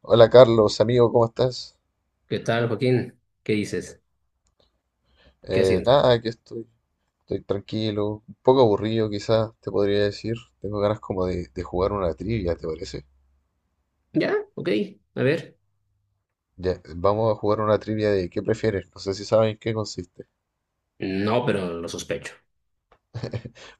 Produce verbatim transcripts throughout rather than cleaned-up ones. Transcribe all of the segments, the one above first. Hola Carlos, amigo, ¿cómo estás? ¿Qué tal, Joaquín? ¿Qué dices? ¿Qué Eh, haciendo? Nada, aquí estoy, estoy tranquilo, un poco aburrido quizás, te podría decir. Tengo ganas como de, de jugar una trivia, ¿te parece? Ya, ok. A ver. Ya, vamos a jugar una trivia de qué prefieres, no sé si saben en qué consiste. No, pero lo sospecho.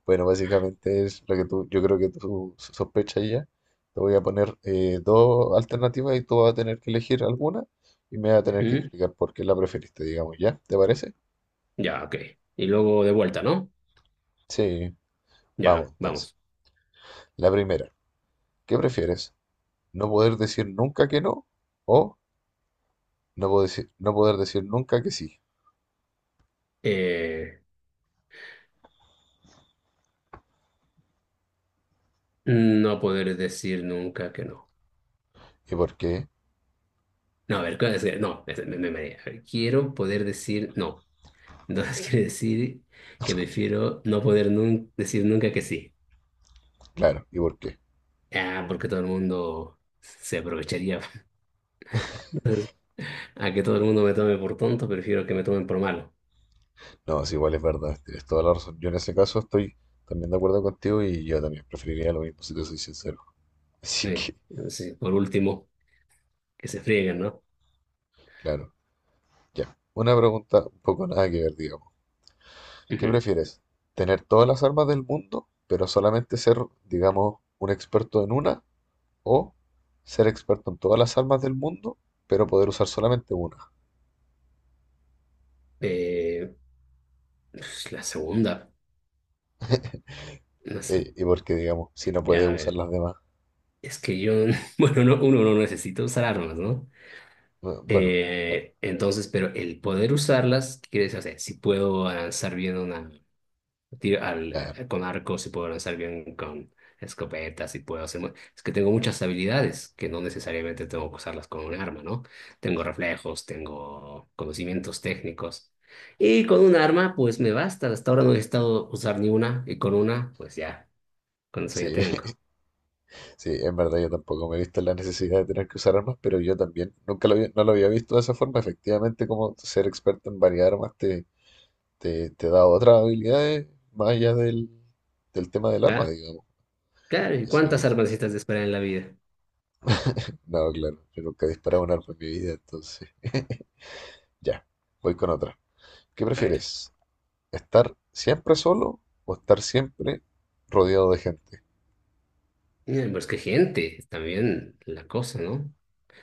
Bueno, básicamente es lo que tú, yo creo que tú sospechas ya. Te voy a poner eh, dos alternativas y tú vas a tener que elegir alguna y me vas a tener que Ujú. explicar por qué la preferiste, digamos, ¿ya? ¿Te parece? Ya, ok. Y luego de vuelta, ¿no? Sí, Ya, vamos entonces. vamos. La primera, ¿qué prefieres? No poder decir nunca que no, o no poder decir, no poder decir nunca que sí. Eh, no poder decir nunca que no. ¿Y por qué? No, a ver, ¿cuál es? No, es- me, me, mareé. A ver, quiero poder decir no. Entonces quiere decir que prefiero no poder nun- decir nunca que sí. Claro, ¿y por qué? Ah, porque todo el mundo se aprovecharía. Entonces, a que todo el mundo me tome por tonto, prefiero que me tomen por malo. No, sí, igual es verdad, tienes toda la razón. Yo en ese caso estoy también de acuerdo contigo y yo también preferiría lo mismo si te soy sincero. Así Eh, que, sí, por último, que se frieguen, ¿no? claro, ya. Una pregunta un poco nada que ver, digamos. ¿Qué Ujú. prefieres? ¿Tener todas las armas del mundo, pero solamente ser, digamos, un experto en una? ¿O ser experto en todas las armas del mundo, pero poder usar solamente una? Eh, pues, la segunda, no sé. Eh, y porque, digamos, si no puede A usar ver, las demás. es que yo, bueno, no, uno no necesita usar armas, ¿no? No, bueno, claro, Eh, entonces, pero el poder usarlas, ¿qué quiere decir? O sea, si puedo avanzar bien una, tiro al- claro. eh, con arcos y puedo lanzar bien con escopetas y puedo hacer... mu- Es que tengo muchas habilidades que no necesariamente tengo que usarlas con un arma, ¿no? Tengo reflejos, tengo conocimientos técnicos. Y con un arma, pues me basta. Hasta ahora no he estado usar ni una y con una, pues ya, con eso ya Sí, tengo. sí, en verdad yo tampoco me he visto en la necesidad de tener que usar armas, pero yo también nunca lo había- no lo había visto de esa forma. Efectivamente, como ser experto en varias armas te, te, te da otras habilidades más allá del, del tema del arma, ¿Ah? digamos. Claro, ¿y Así cuántas que, armas necesitas de esperar en la vida? no, claro, yo nunca he disparado un arma en mi vida, entonces. Ya, voy con otra. ¿Qué A ver, prefieres? ¿Estar siempre solo o estar siempre rodeado de gente? eh, pues qué gente, también la cosa, ¿no?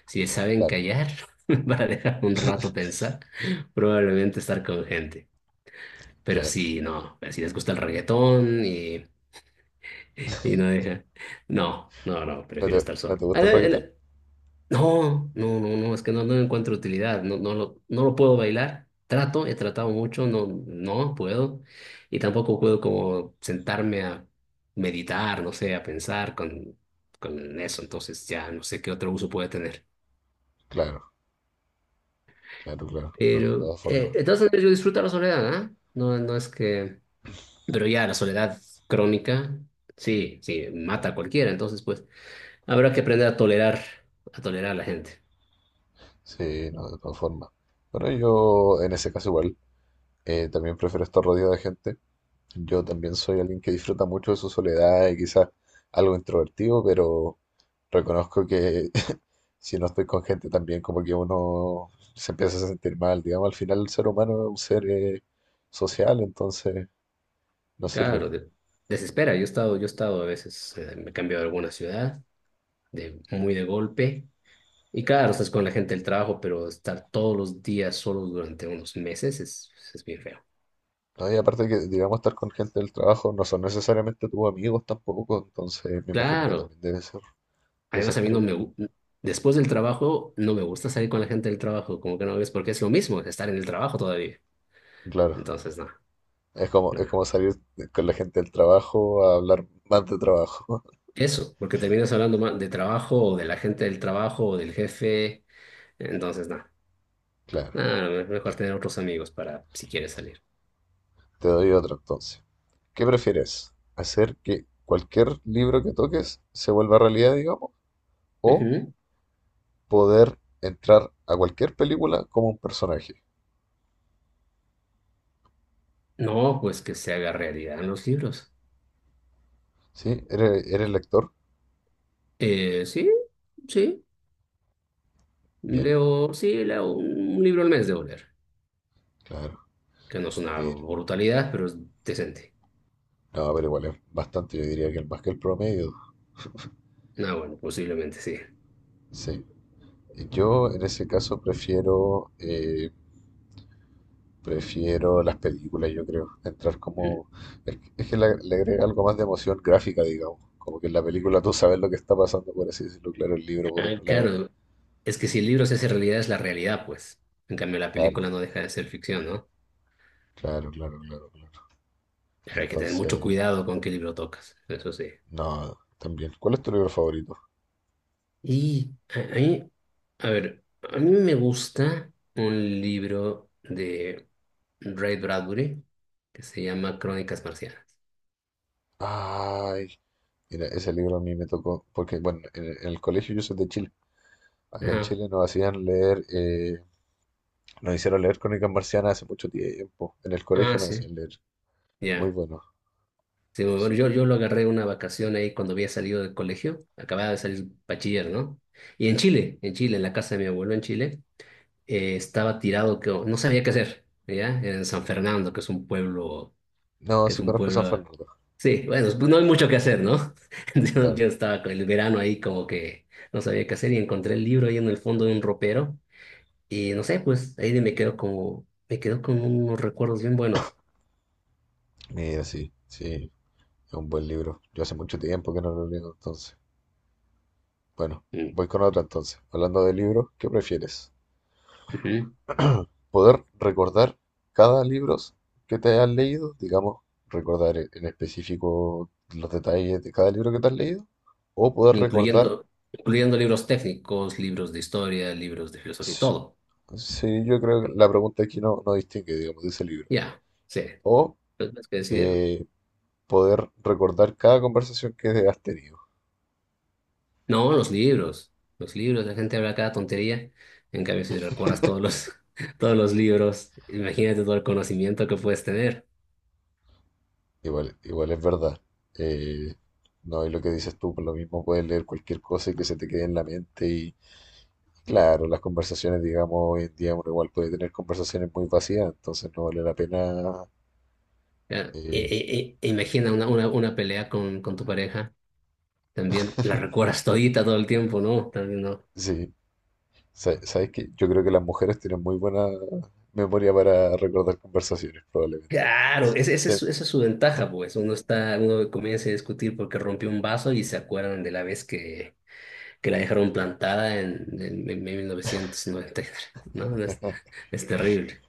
Si saben Claro, callar para dejar un rato pensar, probablemente estar con gente. Pero claro. si no, si les gusta el reggaetón y, y no deja. No, no, no, ¿No prefiero te, estar No te solo. A gusta el ver, reggaetón? el- No, no, no, no, es que no, no encuentro utilidad, no, no lo, no lo puedo bailar. Trato, he tratado mucho, no, no puedo. Y tampoco puedo como sentarme a meditar, no sé, a pensar con, con eso. Entonces ya no sé qué otro uso puede tener. Claro, claro, claro. No, de Pero, todas formas. eh, de todas maneras, yo disfruto la soledad, ¿ah? No, no es que... Pero ya, la soledad crónica, sí, sí, mata a cualquiera. Entonces, pues, habrá que aprender a tolerar, a tolerar a la gente. Sí, no, de todas formas. Bueno, yo en ese caso igual, eh, también prefiero estar rodeado de gente. Yo también soy alguien que disfruta mucho de su soledad y quizás algo introvertido, pero reconozco que si no estoy con gente también como que uno se empieza a sentir mal. Digamos, al final el ser humano es un ser eh, social, entonces no sirve. Claro, de- desespera. Yo he estado, yo he estado a veces, eh, me he cambiado a alguna ciudad, de, muy de golpe. Y claro, estás con la gente del trabajo, pero estar todos los días solos durante unos meses es, es bien feo. No, y aparte que, digamos, estar con gente del trabajo no son necesariamente tus amigos tampoco, entonces me imagino que Claro. también debe ser, debe ser Además, a mí no me... terrible. gu- Después del trabajo, no me gusta salir con la gente del trabajo, como que no ves, porque es lo mismo, estar en el trabajo todavía. Claro, Entonces, no, es como, no. es no. como salir con la gente del trabajo a hablar más de trabajo. Eso, porque terminas hablando más de trabajo o de la gente del trabajo o del jefe. Entonces, no. Claro, No, me- mejor ya, tener otros amigos para si quieres salir. te doy otro entonces. ¿Qué prefieres? ¿Hacer que cualquier libro que toques se vuelva realidad, digamos? ¿O Ujú. poder entrar a cualquier película como un personaje? No, pues que se haga realidad en los libros. ¿Sí? ¿Eres, eres lector? Eh, sí, sí. Bien, Leo, sí, leo un libro al mes de leer, claro, que no es una mira. brutalidad, pero es decente. No, pero igual es bastante, yo diría que más que el promedio. Ah, bueno, posiblemente sí. Sí. Yo en ese caso prefiero, eh, prefiero las películas, yo creo. Entrar como... Es que es que le, le agrega algo más de emoción gráfica, digamos. Como que en la película tú sabes lo que está pasando, por así decirlo. Claro, el libro por Ah, otro lado, eh, claro, es que si el libro se hace realidad es la realidad, pues. En cambio, la claro, película no deja de ser ficción, ¿no? claro, claro, claro, claro. Pero hay que tener mucho Entonces, cuidado con qué libro tocas, eso sí. no, también. ¿Cuál es tu libro favorito? Y a a mí, a ver, a mí me gusta un libro de Ray Bradbury que se llama Crónicas Marcianas. Ay, mira, ese libro a mí me tocó, porque bueno, en, en el colegio yo soy de Chile. Acá en Ajá. Chile nos hacían leer eh, nos hicieron leer Crónicas Marcianas hace mucho tiempo. En el Ah, colegio nos sí. hacían leer. Muy Ya. bueno, Sí, muy bueno, sí. yo, yo lo agarré una vacación ahí cuando había salido del colegio, acababa de salir bachiller, ¿no? Y en Chile, en Chile, en la casa de mi abuelo en Chile. Eh, estaba tirado que no sabía qué hacer, ¿ya? En San Fernando, que es un pueblo, No, que es sí un conozco San pueblo, Fernando, sí, bueno, pues no hay mucho que hacer, ¿no? Yo, claro. yo estaba con el verano ahí como que no sabía qué hacer y encontré el libro ahí en el fondo de un ropero y no sé, pues ahí me quedo como, me quedo con unos recuerdos bien buenos. Mira, sí, sí, es un buen libro. Yo hace mucho tiempo que no lo leo, entonces. Bueno, Mm, voy con otra entonces. Hablando de libros, ¿qué prefieres? ujú. ¿Poder recordar cada libro que te hayas leído? Digamos, recordar en en específico los detalles de cada libro que te has leído. ¿O poder recordar... Incluyendo, incluyendo libros técnicos, libros de historia, libros de filosofía y s-? todo, Sí, yo creo que la pregunta aquí no, no distingue, digamos, de ese libro. ya, sí, O pues, tienes que decidirlo. eh, poder recordar cada conversación que has tenido. No, los libros. Los libros, la gente habla cada tontería. En cambio, si recuerdas todos los, todos los libros, imagínate todo el conocimiento que puedes tener. Igual, igual es verdad. Eh, no, y lo que dices tú, por lo mismo puedes leer cualquier cosa y que se te quede en la mente. Y claro, las conversaciones, digamos, hoy en día uno igual puede tener conversaciones muy vacías, entonces no vale la pena. Ya, e- eh, e- e- imagina una, una, una pelea con, con tu pareja. También la recuerdas todita todo el tiempo, ¿no? También no. sí, Sa- sabes que yo creo que las mujeres tienen muy buena memoria para recordar conversaciones, probablemente. Claro, ese- ese Sí. es su- esa es su ventaja, pues. Uno está, uno comienza a discutir porque rompió un vaso y se acuerdan de la vez que, que la dejaron plantada en, en, en mil novecientos noventa y tres, ¿no? Es, es terrible.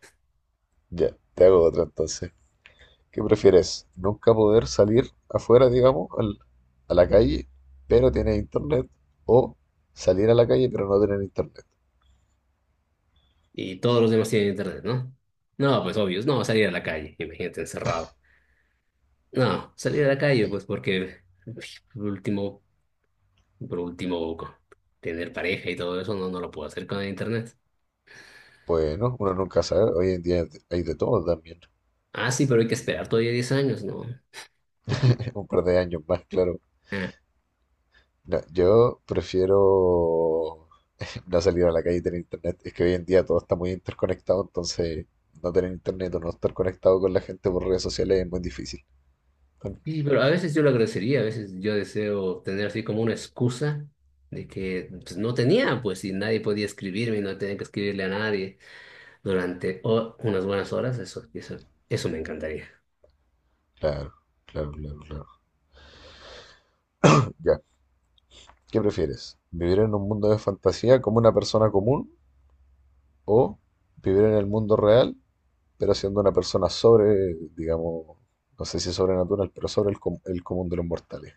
Ya, te hago otra entonces. ¿Qué prefieres? ¿Nunca poder salir afuera, digamos, al- a la calle, pero tener internet? ¿O salir a la calle, pero no tener internet? Y todos los demás tienen internet, ¿no? No, pues obvio, no, salir a la calle, imagínate encerrado. No, salir a la calle, Sali- pues porque por último, por último, co- tener pareja y todo eso, no, no lo puedo hacer con el internet. Bueno, uno nunca sabe. Hoy en día hay de todo también. Ah, sí, pero hay que esperar todavía diez años, ¿no? Un par de años más, claro. Ah. No, yo prefiero no salir a la calle y tener internet. Es que hoy en día todo está muy interconectado, entonces no tener internet o no estar conectado con la gente por redes sociales es muy difícil. Claro, Sí, pero a veces yo lo agradecería, a veces yo deseo tener así como una excusa de que pues, no tenía, pues si nadie podía escribirme y no tenía que escribirle a nadie durante o- unas buenas horas, eso, eso, eso me encantaría. claro, claro, claro. Ya. ¿Qué prefieres? ¿Vivir en un mundo de fantasía como una persona común o vivir en el mundo real, pero siendo una persona sobre, digamos, no sé si sobrenatural, pero sobre el, com- el común de los mortales?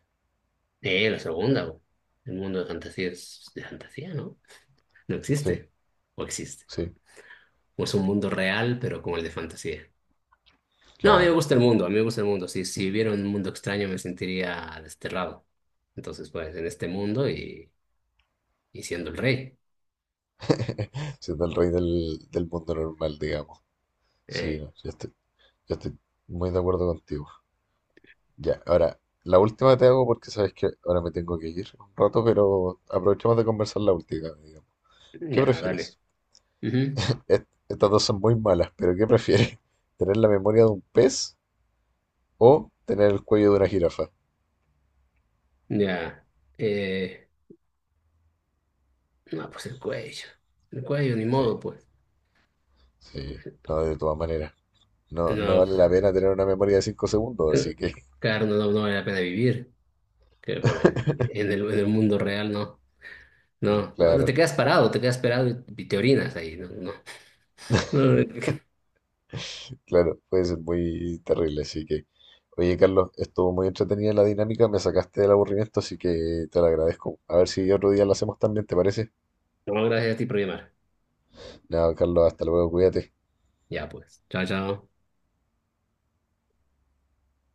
Eh, la segunda, güey. El mundo de fantasía es de fantasía, ¿no? No Sí, existe. O existe. sí, O es un mundo real, pero como el de fantasía. No, a mí me claro. gusta el mundo, a mí me gusta el mundo. Si, si viviera un mundo extraño me sentiría desterrado. Entonces, pues, en este mundo y, y siendo el rey. Siendo el rey del, del mundo normal, digamos. Sí, Eh, no, yo estoy, yo estoy muy de acuerdo contigo. Ya, ahora, la última te hago porque sabes que ahora me tengo que ir un rato, pero aprovechemos de conversar la última, digamos. ¿Qué ya, dale. prefieres? Ujú. Est- estas dos son muy malas, pero ¿qué prefieres? ¿Tener la memoria de un pez o tener el cuello de una jirafa? Ya. Eh, no, pues el cuello. El cuello, ni Sí, modo, pues. sí, no, de todas maneras. No, no No, vale la pues. pena tener una memoria de cinco segundos, eh, así que, Claro, no, no vale la pena vivir. Que, eh, en el, en el mundo real, no. No, no, no claro, te quedas parado, te quedas parado y, y te orinas ahí. No, no, no, claro, puede ser muy terrible, así que. Oye, Carlos, estuvo muy entretenida la dinámica, me sacaste del aburrimiento, así que te lo agradezco. A ver si otro día lo hacemos también, ¿te parece? no, gracias a ti por llamar. Nada, Carlos, hasta luego, cuídate. Ya pues, chao, chao.